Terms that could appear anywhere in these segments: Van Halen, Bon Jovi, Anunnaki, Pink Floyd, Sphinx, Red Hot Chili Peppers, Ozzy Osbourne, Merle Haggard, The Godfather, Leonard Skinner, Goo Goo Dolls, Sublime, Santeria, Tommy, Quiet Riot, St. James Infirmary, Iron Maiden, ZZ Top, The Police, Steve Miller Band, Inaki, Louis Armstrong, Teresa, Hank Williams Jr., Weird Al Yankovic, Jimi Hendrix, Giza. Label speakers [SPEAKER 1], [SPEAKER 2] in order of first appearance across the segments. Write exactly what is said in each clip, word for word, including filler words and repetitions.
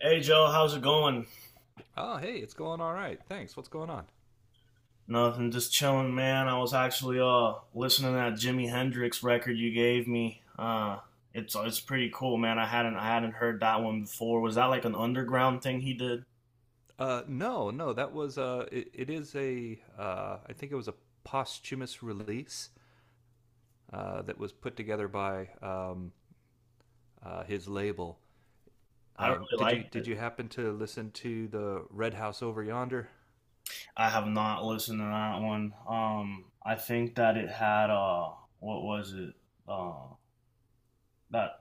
[SPEAKER 1] Hey Joe, how's it going?
[SPEAKER 2] Oh, hey, it's going all right. Thanks. What's going on?
[SPEAKER 1] Nothing, just chilling, man. I was actually uh listening to that Jimi Hendrix record you gave me. Uh, it's it's pretty cool, man. I hadn't I hadn't heard that one before. Was that like an underground thing he did?
[SPEAKER 2] Uh, no, no, that was uh, it, it is a uh, I think it was a posthumous release uh, that was put together by um, uh, his label.
[SPEAKER 1] I
[SPEAKER 2] Um,
[SPEAKER 1] really
[SPEAKER 2] did you
[SPEAKER 1] liked
[SPEAKER 2] did
[SPEAKER 1] it.
[SPEAKER 2] you happen to listen to the Red House over yonder,
[SPEAKER 1] I have not listened to that one. Um, I think that it had uh, what was it? Uh, that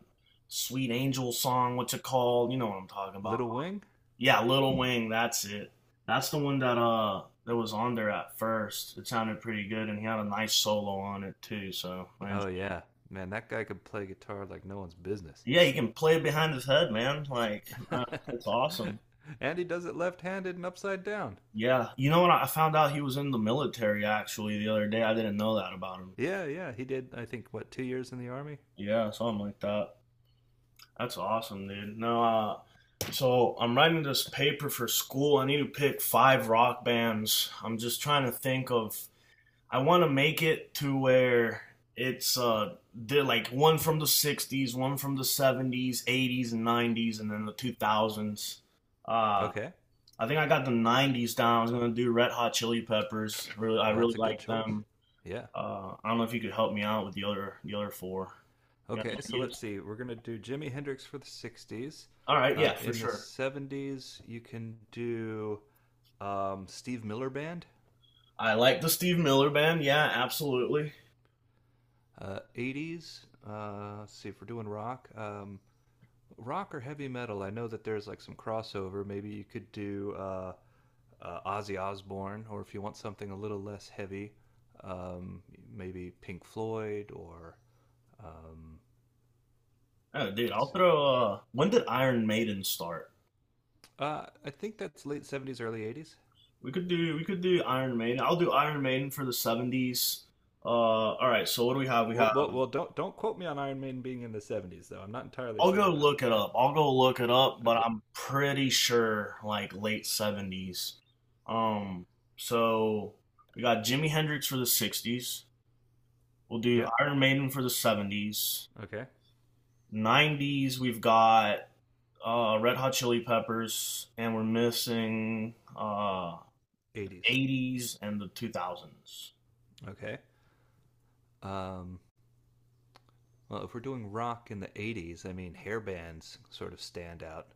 [SPEAKER 1] Sweet Angel song. What's it called? You know what I'm talking about.
[SPEAKER 2] Little Wing?
[SPEAKER 1] Yeah, Little Wing, that's it. That's the one that uh that was on there at first. It sounded pretty good, and he had a nice solo on it too. So, and
[SPEAKER 2] Oh yeah, man, that guy could play guitar like no one's business.
[SPEAKER 1] yeah, he can play it behind his head, man. Like, uh, it's awesome.
[SPEAKER 2] And he does it left-handed and upside down.
[SPEAKER 1] Yeah, you know what? I found out he was in the military actually the other day. I didn't know that about him.
[SPEAKER 2] Yeah, yeah, he did. I think what two years in the army.
[SPEAKER 1] Yeah, something like that. That's awesome, dude. No, uh, So I'm writing this paper for school. I need to pick five rock bands. I'm just trying to think of I want to make it to where it's uh they're like one from the sixties, one from the seventies, eighties and nineties and then the two thousands. Uh
[SPEAKER 2] Okay.
[SPEAKER 1] I think I got the nineties down. I was going to do Red Hot Chili Peppers. Really I really
[SPEAKER 2] That's a good
[SPEAKER 1] like
[SPEAKER 2] choice.
[SPEAKER 1] them.
[SPEAKER 2] Yeah.
[SPEAKER 1] Uh I don't know if you could help me out with the other the other four. You got
[SPEAKER 2] Okay,
[SPEAKER 1] any
[SPEAKER 2] so let's
[SPEAKER 1] ideas?
[SPEAKER 2] see. We're going to do Jimi Hendrix for the sixties.
[SPEAKER 1] All right,
[SPEAKER 2] Uh,
[SPEAKER 1] yeah, for
[SPEAKER 2] in the
[SPEAKER 1] sure.
[SPEAKER 2] seventies, you can do um, Steve Miller Band.
[SPEAKER 1] I like the Steve Miller band. Yeah, absolutely.
[SPEAKER 2] Uh, eighties, uh, let's see if we're doing rock. Um, rock or heavy metal, I know that there's like some crossover. Maybe you could do uh, uh, Ozzy Osbourne, or if you want something a little less heavy, um, maybe Pink Floyd or um,
[SPEAKER 1] Oh, dude,
[SPEAKER 2] let's
[SPEAKER 1] I'll
[SPEAKER 2] see.
[SPEAKER 1] throw uh when did Iron Maiden start?
[SPEAKER 2] Uh, I think that's late seventies, early eighties.
[SPEAKER 1] We could do we could do Iron Maiden. I'll do Iron Maiden for the seventies. Uh, all right. So what do we have? We
[SPEAKER 2] Well,
[SPEAKER 1] have.
[SPEAKER 2] well, well, don't don't quote me on Iron Maiden being in the seventies, though. I'm not entirely
[SPEAKER 1] I'll
[SPEAKER 2] sure
[SPEAKER 1] go
[SPEAKER 2] about
[SPEAKER 1] look it
[SPEAKER 2] that.
[SPEAKER 1] up. I'll go look it up, but
[SPEAKER 2] Okay.
[SPEAKER 1] I'm pretty sure like late seventies. Um. So we got Jimi Hendrix for the sixties. We'll do
[SPEAKER 2] Yep.
[SPEAKER 1] Iron Maiden for the seventies.
[SPEAKER 2] Okay.
[SPEAKER 1] Nineties. We've got uh, Red Hot Chili Peppers, and we're missing uh,
[SPEAKER 2] Eighties.
[SPEAKER 1] eighties and the two thousands.
[SPEAKER 2] Okay. Um. Well, if we're doing rock in the eighties, I mean, hair bands sort of stand out.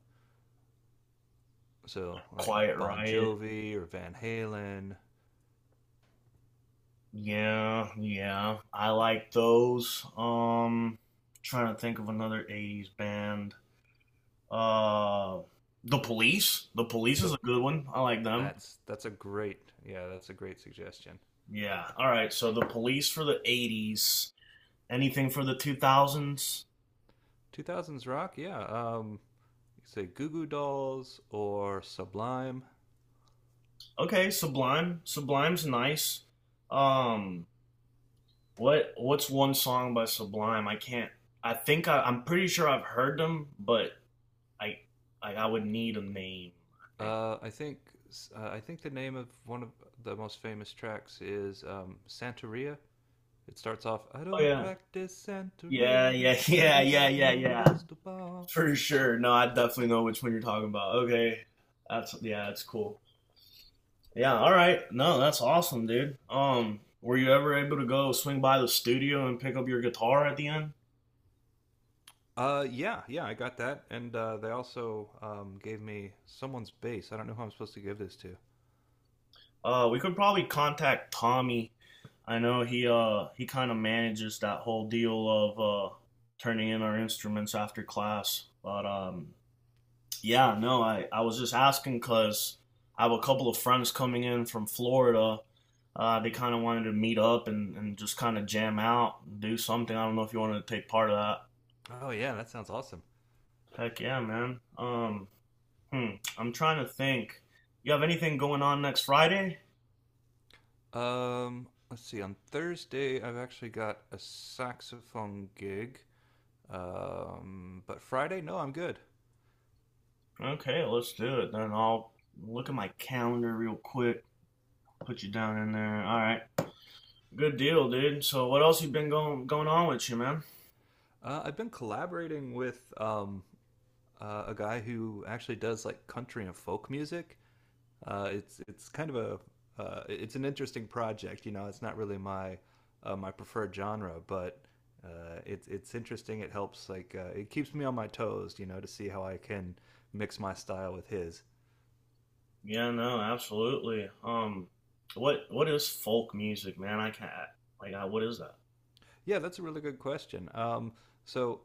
[SPEAKER 2] So like
[SPEAKER 1] Quiet
[SPEAKER 2] Bon
[SPEAKER 1] Riot.
[SPEAKER 2] Jovi or Van Halen.
[SPEAKER 1] Yeah, yeah. I like those. Um trying to think of another eighties band. Uh The Police. The Police is a
[SPEAKER 2] Look,
[SPEAKER 1] good one. I like them.
[SPEAKER 2] that's that's a great, yeah, that's a great suggestion.
[SPEAKER 1] Yeah. All right. So The Police for the eighties. Anything for the two thousands?
[SPEAKER 2] Two thousands rock, yeah. Um, you could say Goo Goo Dolls or Sublime.
[SPEAKER 1] Okay, Sublime. Sublime's nice. Um what what's one song by Sublime? I can't I think I, I'm pretty sure I've heard them, but I I, I would need a name, I think.
[SPEAKER 2] Uh, I think uh, I think the name of one of the most famous tracks is um, Santeria. It starts off, "I
[SPEAKER 1] Oh
[SPEAKER 2] don't
[SPEAKER 1] yeah.
[SPEAKER 2] practice
[SPEAKER 1] Yeah,
[SPEAKER 2] Santeria.
[SPEAKER 1] yeah,
[SPEAKER 2] I
[SPEAKER 1] yeah,
[SPEAKER 2] ain't
[SPEAKER 1] yeah,
[SPEAKER 2] got
[SPEAKER 1] yeah,
[SPEAKER 2] no
[SPEAKER 1] yeah.
[SPEAKER 2] crystal ball."
[SPEAKER 1] For sure. No, I definitely know which one you're talking about. Okay. That's yeah, that's cool. Yeah, all right. No, that's awesome, dude. Um, were you ever able to go swing by the studio and pick up your guitar at the end?
[SPEAKER 2] Uh, yeah, yeah, I got that, and uh, they also um, gave me someone's bass. I don't know who I'm supposed to give this to.
[SPEAKER 1] Uh, we could probably contact Tommy. I know he uh he kind of manages that whole deal of uh turning in our instruments after class, but um Yeah, no, I, I was just asking because I have a couple of friends coming in from Florida. Uh, they kind of wanted to meet up and, and just kind of jam out, do something. I don't know if you wanted to take part of that.
[SPEAKER 2] Oh yeah, that sounds awesome.
[SPEAKER 1] Heck yeah, man. Um, hmm, I'm trying to think. You have anything going on next Friday?
[SPEAKER 2] Um, let's see. On Thursday, I've actually got a saxophone gig. Um, but Friday, no, I'm good.
[SPEAKER 1] Okay, let's do it. Then I'll look at my calendar real quick. Put you down in there. All right. Good deal, dude. So what else you been going going on with you, man?
[SPEAKER 2] Uh, I've been collaborating with um, uh, a guy who actually does like country and folk music. Uh, it's it's kind of a uh, it's an interesting project. You know, it's not really my uh, my preferred genre, but uh, it's it's interesting. It helps like, uh, it keeps me on my toes. You know, to see how I can mix my style with his.
[SPEAKER 1] Yeah, no, absolutely. Um, what what is folk music, man? I can't like, I, what is that?
[SPEAKER 2] Yeah, that's a really good question. Um, so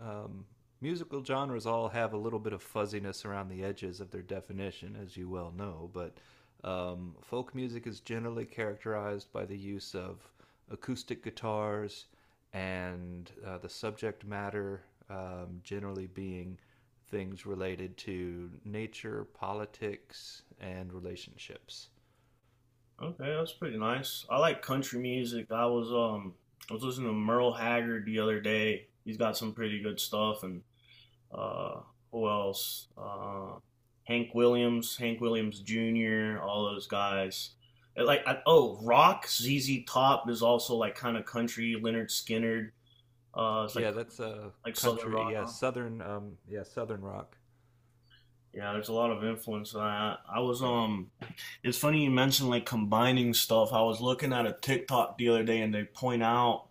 [SPEAKER 2] um, musical genres all have a little bit of fuzziness around the edges of their definition, as you well know, but um, folk music is generally characterized by the use of acoustic guitars and, uh, the subject matter um, generally being things related to nature, politics, and relationships.
[SPEAKER 1] Okay, that's pretty nice. I like country music. I was um, I was listening to Merle Haggard the other day. He's got some pretty good stuff. And uh, who else? Uh, Hank Williams, Hank Williams Junior, all those guys. And, like, I, oh, rock. Z Z Top is also like kind of country. Leonard Skinner. Uh, it's like
[SPEAKER 2] Yeah, that's uh,
[SPEAKER 1] like southern
[SPEAKER 2] country.
[SPEAKER 1] rock.
[SPEAKER 2] Yeah,
[SPEAKER 1] Huh?
[SPEAKER 2] southern. Um, yeah, southern rock.
[SPEAKER 1] Yeah, there's a lot of influence. I I was um It's funny you mentioned like combining stuff. I was looking at a TikTok the other day, and they point out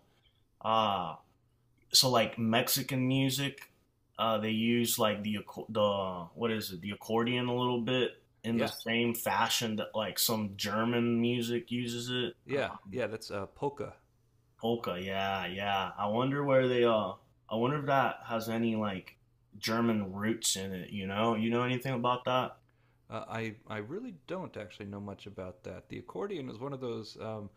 [SPEAKER 1] uh so like Mexican music, uh they use like the acco- the what is it, the accordion a little bit in the
[SPEAKER 2] Yeah,
[SPEAKER 1] same fashion that like some German music uses it.
[SPEAKER 2] yeah,
[SPEAKER 1] Um,
[SPEAKER 2] yeah. That's uh, polka.
[SPEAKER 1] polka, yeah, yeah. I wonder where they uh I wonder if that has any like German roots in it, you know? You know anything about that?
[SPEAKER 2] Uh, I I really don't actually know much about that. The accordion is one of those um,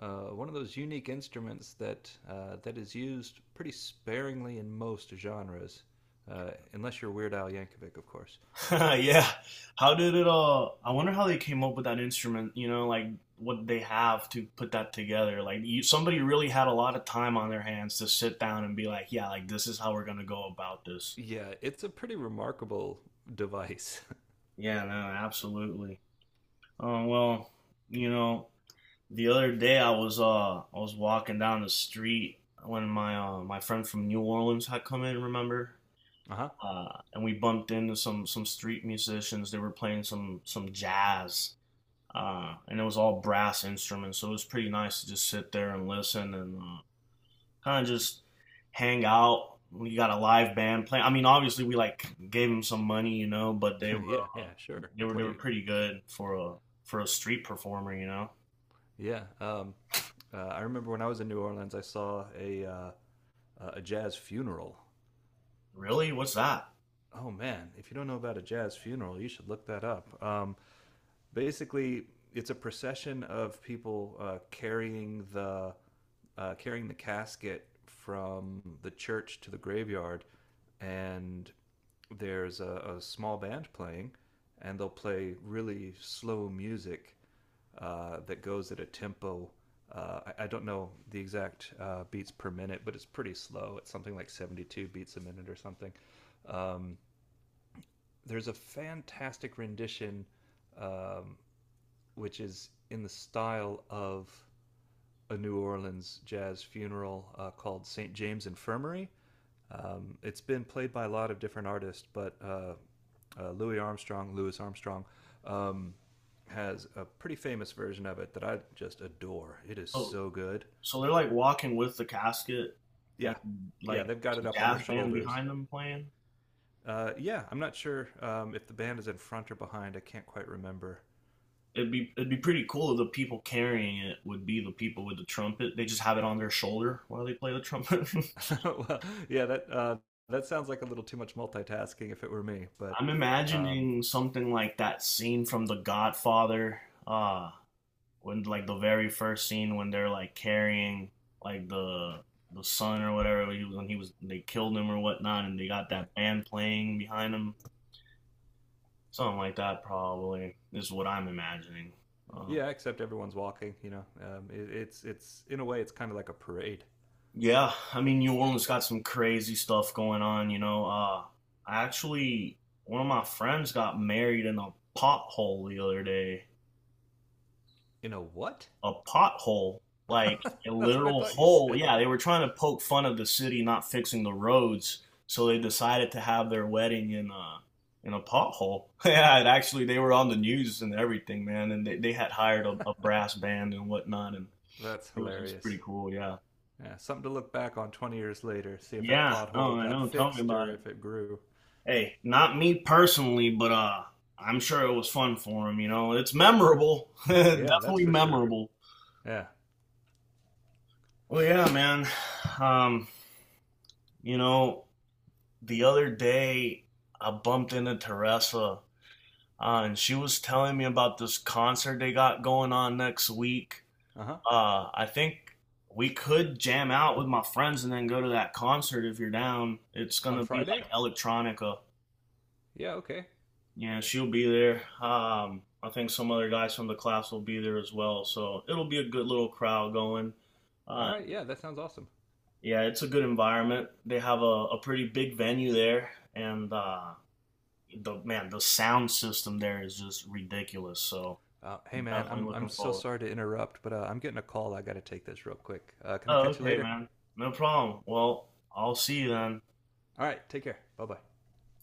[SPEAKER 2] uh, one of those unique instruments that uh, that is used pretty sparingly in most genres, uh, unless you're Weird Al Yankovic, of course.
[SPEAKER 1] Yeah. How did it all? I wonder how they came up with that instrument. You know, like what they have to put that together. Like you, somebody really had a lot of time on their hands to sit down and be like, yeah, like this is how we're gonna go about this.
[SPEAKER 2] Yeah, it's a pretty remarkable device.
[SPEAKER 1] Yeah, no, absolutely. Uh, well, you know, the other day I was uh I was walking down the street when my uh, my friend from New Orleans had come in. Remember?
[SPEAKER 2] Uh huh.
[SPEAKER 1] Uh, and we bumped into some some street musicians. They were playing some some jazz uh, and it was all brass instruments, so it was pretty nice to just sit there and listen and uh, kind of just hang out. We got a live band playing. I mean, obviously we like gave them some money, you know, but they were
[SPEAKER 2] Yeah,
[SPEAKER 1] uh,
[SPEAKER 2] yeah, sure.
[SPEAKER 1] they
[SPEAKER 2] Like,
[SPEAKER 1] were they
[SPEAKER 2] what do
[SPEAKER 1] were
[SPEAKER 2] you?
[SPEAKER 1] pretty good for a for a street performer, you know.
[SPEAKER 2] Yeah. Um, uh, I remember when I was in New Orleans, I saw a uh, a jazz funeral.
[SPEAKER 1] Really, what's that?
[SPEAKER 2] Oh man, if you don't know about a jazz funeral, you should look that up. Um, basically it's a procession of people, uh, carrying the uh, carrying the casket from the church to the graveyard, and there's a, a small band playing, and they'll play really slow music uh, that goes at a tempo. Uh, I, I don't know the exact uh, beats per minute, but it's pretty slow. It's something like seventy-two beats a minute or something. There's a fantastic rendition um, which is in the style of a New Orleans jazz funeral, uh, called Saint James Infirmary. It's been played by a lot of different artists, but uh, uh, Louis Armstrong, Louis Armstrong um, has a pretty famous version of it that I just adore. It is
[SPEAKER 1] So
[SPEAKER 2] so good.
[SPEAKER 1] so they're like walking with the casket and
[SPEAKER 2] Yeah, yeah,
[SPEAKER 1] like
[SPEAKER 2] they've got it
[SPEAKER 1] there's a
[SPEAKER 2] up on their
[SPEAKER 1] jazz band
[SPEAKER 2] shoulders.
[SPEAKER 1] behind them playing.
[SPEAKER 2] Uh, yeah, I'm not sure um, if the band is in front or behind. I can't quite remember.
[SPEAKER 1] It'd be it'd be pretty cool if the people carrying it would be the people with the trumpet. They just have it on their shoulder while they play the trumpet.
[SPEAKER 2] Well, yeah, that uh, that sounds like a little too much multitasking if it were me. But
[SPEAKER 1] I'm
[SPEAKER 2] um,
[SPEAKER 1] imagining something like that scene from The Godfather, uh, when like the very first scene when they're like carrying like the the son or whatever when he was when he was they killed him or whatnot, and they got
[SPEAKER 2] yeah,
[SPEAKER 1] that band playing behind him, something like that probably is what I'm imagining. Um,
[SPEAKER 2] yeah. Except everyone's walking. You know, um, it, it's it's in a way it's kind of like a parade.
[SPEAKER 1] Yeah, I mean, New Orleans got some crazy stuff going on, you know. Uh, I actually, One of my friends got married in a pothole the other day.
[SPEAKER 2] In a what?
[SPEAKER 1] A pothole, like a
[SPEAKER 2] That's what I
[SPEAKER 1] literal
[SPEAKER 2] thought you
[SPEAKER 1] hole.
[SPEAKER 2] said.
[SPEAKER 1] Yeah, they were trying to poke fun of the city not fixing the roads, so they decided to have their wedding in a in a pothole. Yeah, it actually, they were on the news and everything, man, and they they had hired a, a brass band and whatnot, and
[SPEAKER 2] That's
[SPEAKER 1] it was just pretty
[SPEAKER 2] hilarious.
[SPEAKER 1] cool. Yeah,
[SPEAKER 2] Yeah, something to look back on twenty years later, see if that
[SPEAKER 1] yeah.
[SPEAKER 2] pothole
[SPEAKER 1] No, I
[SPEAKER 2] got
[SPEAKER 1] know. Tell me
[SPEAKER 2] fixed
[SPEAKER 1] about
[SPEAKER 2] or
[SPEAKER 1] it.
[SPEAKER 2] if it grew.
[SPEAKER 1] Hey, not me personally, but uh, I'm sure it was fun for him. You know, it's memorable,
[SPEAKER 2] Yeah, that's
[SPEAKER 1] definitely
[SPEAKER 2] for sure.
[SPEAKER 1] memorable.
[SPEAKER 2] Yeah.
[SPEAKER 1] Well, yeah, man. Um, you know, the other day I bumped into Teresa, uh, and she was telling me about this concert they got going on next week.
[SPEAKER 2] Uh huh.
[SPEAKER 1] Uh, I think we could jam out with my friends and then go to that concert if you're down. It's
[SPEAKER 2] On
[SPEAKER 1] gonna be
[SPEAKER 2] Friday?
[SPEAKER 1] like electronica.
[SPEAKER 2] Yeah. Okay.
[SPEAKER 1] Yeah, she'll be there. Um, I think some other guys from the class will be there as well. So it'll be a good little crowd going.
[SPEAKER 2] All
[SPEAKER 1] Uh,
[SPEAKER 2] right. Yeah, that sounds awesome.
[SPEAKER 1] yeah, it's a good environment. They have a, a pretty big venue there, and uh, the man, the sound system there is just ridiculous. So
[SPEAKER 2] Uh, hey
[SPEAKER 1] I'm
[SPEAKER 2] man,
[SPEAKER 1] definitely
[SPEAKER 2] I'm I'm
[SPEAKER 1] looking
[SPEAKER 2] so
[SPEAKER 1] forward.
[SPEAKER 2] sorry to interrupt, but uh, I'm getting a call. I got to take this real quick. Uh, can I
[SPEAKER 1] Oh,
[SPEAKER 2] catch you
[SPEAKER 1] okay,
[SPEAKER 2] later?
[SPEAKER 1] man. No problem. Well, I'll see you then.
[SPEAKER 2] All right, take care. Bye bye.